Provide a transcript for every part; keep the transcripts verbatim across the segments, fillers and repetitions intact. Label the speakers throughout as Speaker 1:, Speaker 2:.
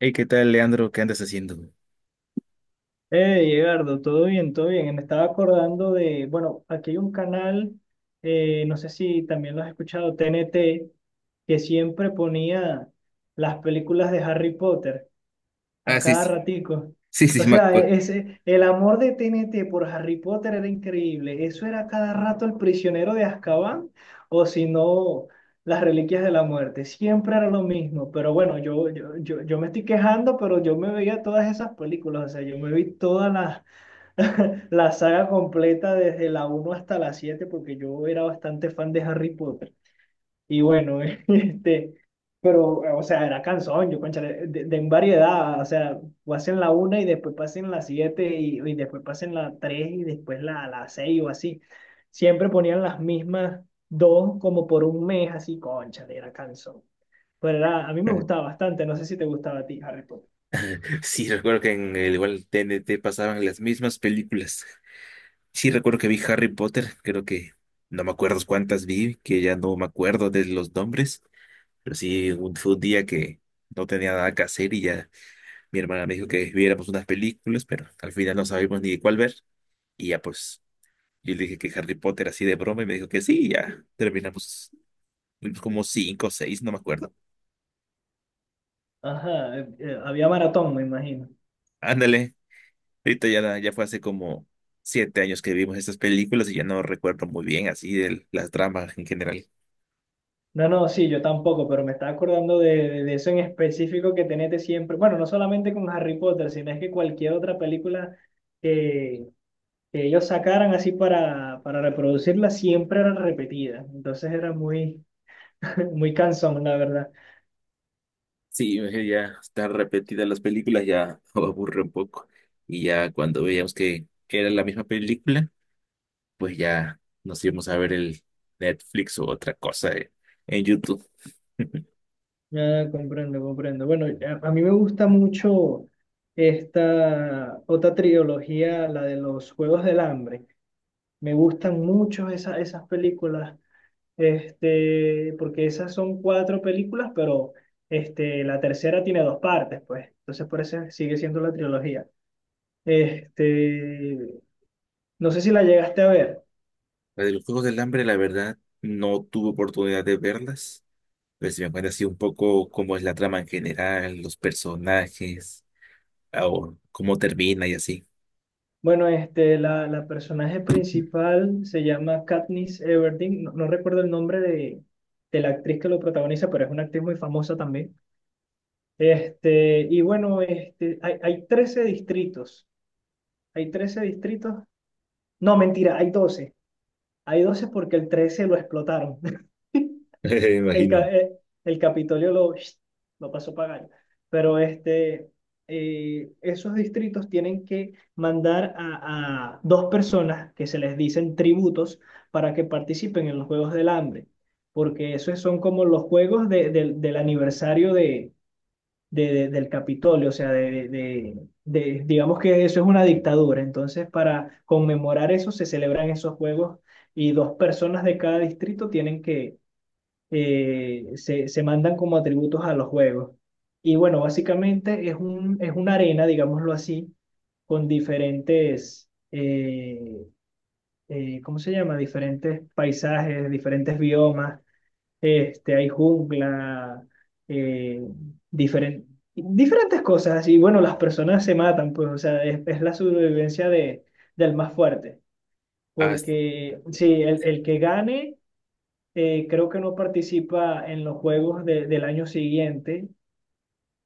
Speaker 1: Hey, ¿qué tal, Leandro? ¿Qué andas haciendo?
Speaker 2: Eh, Edgardo, todo bien, todo bien. Me estaba acordando de, bueno, aquí hay un canal, eh, no sé si también lo has escuchado, T N T, que siempre ponía las películas de Harry Potter a
Speaker 1: Ah, sí,
Speaker 2: cada
Speaker 1: sí,
Speaker 2: ratico.
Speaker 1: sí,
Speaker 2: O
Speaker 1: sí, me
Speaker 2: sea,
Speaker 1: acuerdo.
Speaker 2: e- ese, el amor de T N T por Harry Potter era increíble. Eso era cada rato el prisionero de Azkaban, o si no, las reliquias de la muerte. Siempre era lo mismo. Pero bueno, yo, yo, yo, yo me estoy quejando, pero yo me veía todas esas películas. O sea, yo me vi toda la, la saga completa desde la uno hasta la siete porque yo era bastante fan de Harry Potter. Y bueno, este, pero, o sea, era canción, yo, cónchale, de, de en variedad, o sea, pasen la una y después pasen la siete y, y después pasen la tres y después la, la seis o así. Siempre ponían las mismas dos como por un mes, así, cónchale, era canción. Pero era, a mí me gustaba bastante, no sé si te gustaba a ti, Harry Potter.
Speaker 1: Sí, recuerdo que en el igual T N T pasaban las mismas películas. Sí, recuerdo que vi Harry Potter, creo que no me acuerdo cuántas vi, que ya no me acuerdo de los nombres, pero sí, un, fue un día que no tenía nada que hacer y ya mi hermana me dijo que viéramos unas películas, pero al final no sabíamos ni cuál ver. Y ya pues, yo le dije que Harry Potter así de broma y me dijo que sí, y ya terminamos, vimos como cinco o seis, no me acuerdo.
Speaker 2: Ajá, eh, eh, había maratón, me imagino.
Speaker 1: Ándale. Ahorita ya, ya fue hace como siete años que vimos estas películas y ya no recuerdo muy bien así de las tramas en general.
Speaker 2: No, no, sí, yo tampoco, pero me estaba acordando de, de- de eso en específico que tenete siempre. Bueno, no solamente con Harry Potter, sino es que cualquier otra película que, que ellos sacaran así para, para reproducirla siempre era repetida. Entonces era muy, muy cansón, la verdad.
Speaker 1: Sí, eh, ya están repetidas las películas, ya aburre un poco. Y ya cuando veíamos que era la misma película, pues ya nos íbamos a ver el Netflix o otra cosa eh, en YouTube.
Speaker 2: Ya comprendo, comprendo. Bueno, a, a mí me gusta mucho esta otra trilogía, la de los Juegos del Hambre. Me gustan mucho esa- esas películas. Este, porque esas son cuatro películas, pero este, la tercera tiene dos partes, pues. Entonces, por eso sigue siendo la trilogía. Este, no sé si la llegaste a ver.
Speaker 1: La de los Juegos del Hambre, la verdad, no tuve oportunidad de verlas. Pero si me cuenta así un poco cómo es la trama en general, los personajes, o cómo termina y así.
Speaker 2: Bueno, este, la, la personaje principal se llama Katniss Everdeen. No, no recuerdo el nombre de, de la actriz que lo protagoniza, pero es una actriz muy famosa también. Este, y bueno, este, hay, hay trece distritos. Hay trece distritos. No, mentira, hay doce. Hay doce porque el trece lo explotaron.
Speaker 1: Me
Speaker 2: El,
Speaker 1: imagino.
Speaker 2: ca- eh, el Capitolio lo, lo pasó pagando. Pero este, eh, esos distritos tienen que mandar a, a dos personas que se les dicen tributos para que participen en los Juegos del Hambre, porque esos son como los juegos de- del del aniversario de, de- de- del Capitolio, o sea, de, de, de- digamos que eso es una dictadura. Entonces, para conmemorar eso, se celebran esos juegos y dos personas de cada distrito tienen que eh, se, se mandan como atributos a los juegos. Y bueno, básicamente es un, es una arena, digámoslo así, con diferentes, eh, eh, ¿cómo se llama? Diferentes paisajes, diferentes biomas. Este, hay jungla, eh, diferen- diferentes cosas. Y bueno, las personas se matan, pues, o sea, es, es la sobrevivencia de, del más fuerte.
Speaker 1: Ah,
Speaker 2: Porque sí, el, el que gane, eh, creo que no participa en los juegos de- del año siguiente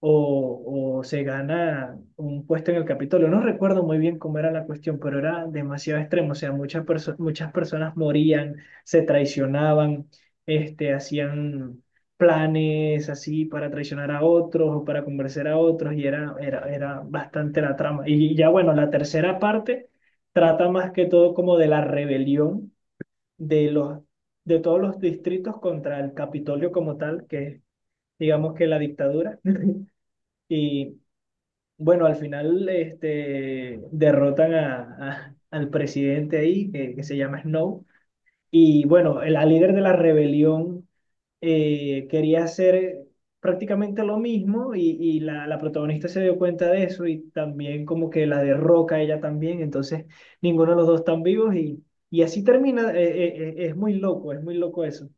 Speaker 2: o, o se gana un puesto en el Capitolio. No recuerdo muy bien cómo era la cuestión, pero era demasiado extremo. O sea, muchas, perso- muchas personas morían, se traicionaban, este, hacían planes así para traicionar a otros o para convencer a otros y era, era, era bastante la trama. Y ya bueno, la tercera parte trata más que todo como de la rebelión de los, de todos los distritos contra el Capitolio como tal, que es, digamos que la dictadura. Y bueno, al final, este, derrotan a, a- al presidente ahí, que, que se llama Snow. Y bueno, la líder de la rebelión, eh, quería hacer prácticamente lo mismo y, y la, la protagonista se dio cuenta de eso y también como que la derroca ella también. Entonces, ninguno de los dos están vivos y... Y así termina, eh, eh, eh, es muy loco, es muy loco eso.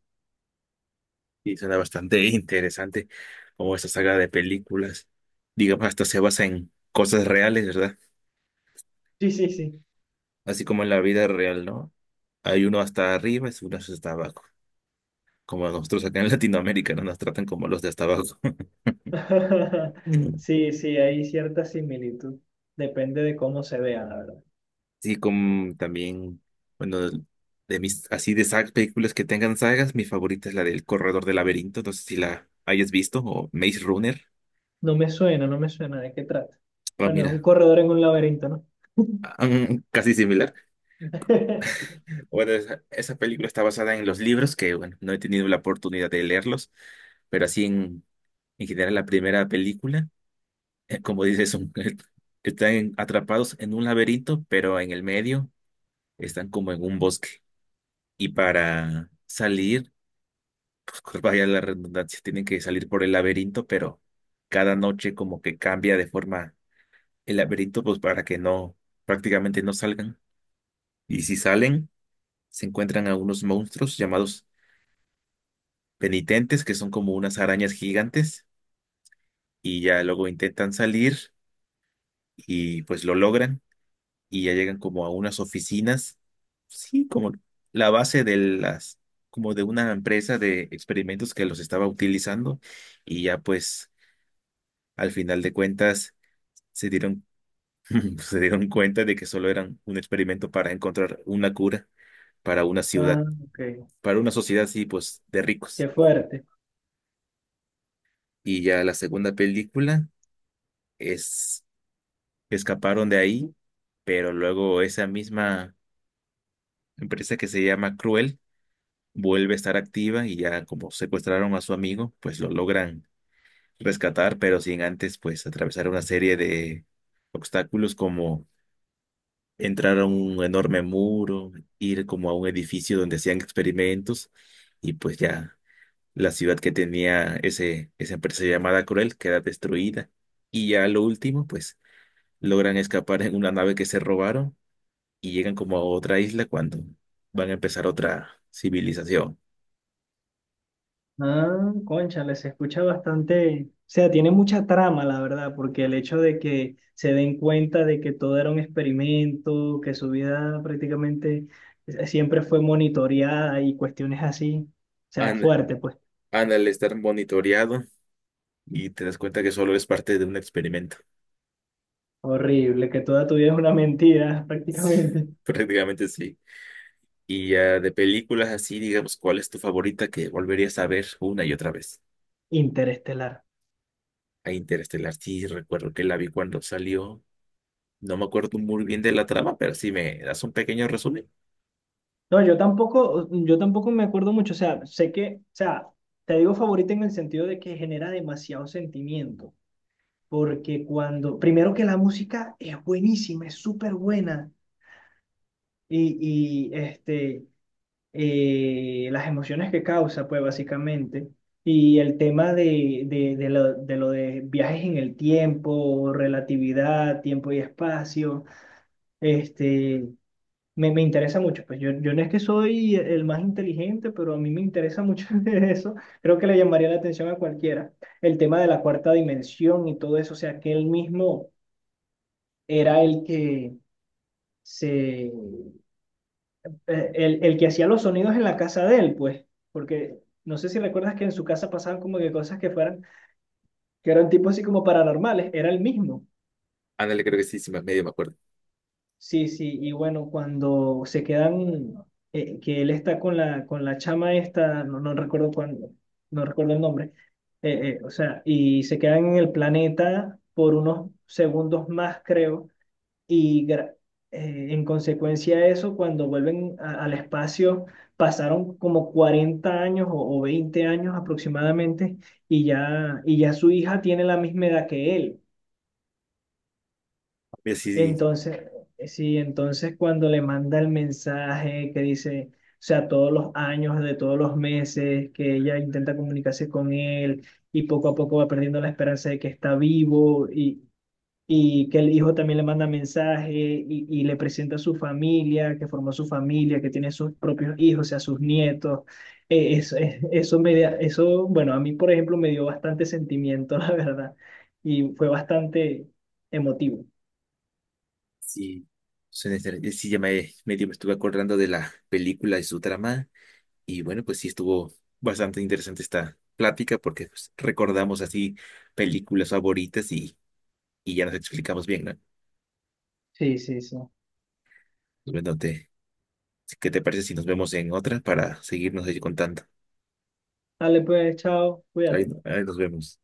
Speaker 1: sí, suena bastante interesante como esta saga de películas. Digamos, hasta se basa en cosas reales, ¿verdad?
Speaker 2: Sí, sí, sí.
Speaker 1: Así como en la vida real, ¿no? Hay uno hasta arriba y uno hasta abajo. Como nosotros acá en Latinoamérica, ¿no? Nos tratan como los de hasta abajo. Mm.
Speaker 2: Sí, sí, hay cierta similitud. Depende de cómo se vea, la verdad.
Speaker 1: Sí, como también, bueno, de mis, así de sagas, películas que tengan sagas, mi favorita es la del Corredor del Laberinto. No sé si la hayas visto o Maze Runner.
Speaker 2: No me suena, no me suena de qué trata.
Speaker 1: Ah,
Speaker 2: Bueno, es un
Speaker 1: mira,
Speaker 2: corredor en un laberinto, ¿no?
Speaker 1: ah, mm, casi similar. Bueno, esa, esa película está basada en los libros que, bueno, no he tenido la oportunidad de leerlos, pero así en, en general la primera película, eh, como dices, son- están atrapados en un laberinto, pero en el medio están como en un bosque. Y para salir, pues vaya la redundancia, tienen que salir por el laberinto, pero cada noche como que cambia de forma el laberinto, pues para que no, prácticamente no salgan. Y si salen, se encuentran a unos monstruos llamados penitentes, que son como unas arañas gigantes, y ya luego intentan salir y pues lo logran y ya llegan como a unas oficinas, sí, como la base de las, como de una empresa de experimentos que los estaba utilizando y ya pues al final de cuentas se dieron, se dieron cuenta de que solo eran un experimento para encontrar una cura para una ciudad,
Speaker 2: Ah, ok.
Speaker 1: para una sociedad, sí, pues de ricos.
Speaker 2: Qué fuerte.
Speaker 1: Y ya la segunda película es escaparon de ahí, pero luego esa misma empresa que se llama Cruel vuelve a estar activa y ya como secuestraron a su amigo, pues lo logran rescatar, pero sin antes pues atravesar una serie de obstáculos como entrar a un enorme muro, ir como a un edificio donde hacían experimentos y pues ya la ciudad que tenía ese, esa empresa llamada Cruel queda destruida. Y ya lo último, pues logran escapar en una nave que se robaron y llegan como a otra isla cuando van a empezar otra civilización.
Speaker 2: Ah, cónchale, se escucha bastante. O sea, tiene mucha trama, la verdad, porque el hecho de que se den cuenta de que todo era un experimento, que su vida prácticamente, eh, siempre fue monitoreada y cuestiones así, o sea, es
Speaker 1: Anda
Speaker 2: fuerte, pues.
Speaker 1: Ana, al estar monitoreado y te das cuenta que solo es parte de un experimento.
Speaker 2: Horrible, que toda tu vida es una mentira, prácticamente.
Speaker 1: Prácticamente sí. Y ya de películas así, digamos, ¿cuál es tu favorita que volverías a ver una y otra vez?
Speaker 2: Interestelar.
Speaker 1: A Interestelar, sí, recuerdo que la vi cuando salió. No me acuerdo muy bien de la trama, pero sí me das un pequeño resumen.
Speaker 2: No, yo tampoco, yo tampoco me acuerdo mucho. O sea, sé que, o sea, te digo favorita en el sentido de que genera demasiado sentimiento. Porque cuando, primero que la música es buenísima, es súper buena. Y, y este, eh, las emociones que causa, pues básicamente. Y el tema de, de, de lo, de lo de viajes en el tiempo, relatividad, tiempo y espacio. Este, Me, me interesa mucho, pues yo, yo no es que soy el más inteligente, pero a mí me interesa mucho de eso. Creo que le llamaría la atención a cualquiera. El tema de la cuarta dimensión y todo eso, o sea, que él mismo era el que se, eh, el, el que hacía los sonidos en la casa de él, pues, porque no sé si recuerdas que en su casa pasaban como que cosas que fueran, que eran tipo así como paranormales, era el mismo.
Speaker 1: Ándale, creo que sí, sí, me- medio me acuerdo.
Speaker 2: Sí, sí, y bueno, cuando se quedan, eh, que él está con la, con la chama esta, no, no recuerdo cuándo, no recuerdo el nombre, eh, eh, o sea, y se quedan en el planeta por unos segundos más, creo, y gra- eh, en consecuencia de eso, cuando vuelven a- al espacio, pasaron como cuarenta años o, o veinte años aproximadamente, y ya, y ya su hija tiene la misma edad que él.
Speaker 1: Mira, sí,
Speaker 2: Entonces, eh, sí, entonces cuando le manda el mensaje que dice, o sea, todos los años, de todos los meses, que ella intenta comunicarse con él y poco a poco va perdiendo la esperanza de que está vivo y, y que el hijo también le manda mensaje y, y le presenta a su familia, que formó su familia, que tiene sus propios hijos, o sea, sus nietos. Eh, eso, eh, eso, me da- eso, bueno, a mí, por ejemplo, me dio bastante sentimiento, la verdad, y fue bastante emotivo.
Speaker 1: Sí, suena interesante. Sí, ya me medio me estuve acordando de la película y su trama. Y bueno, pues sí estuvo bastante interesante esta plática porque pues, recordamos así películas favoritas y, y ya nos explicamos bien, ¿no?
Speaker 2: Sí, sí, sí.
Speaker 1: Pues, Bueno, te, ¿qué te parece si nos vemos en otra para seguirnos ahí contando?
Speaker 2: Dale pues, chao,
Speaker 1: Ahí,
Speaker 2: cuídate.
Speaker 1: ahí nos vemos.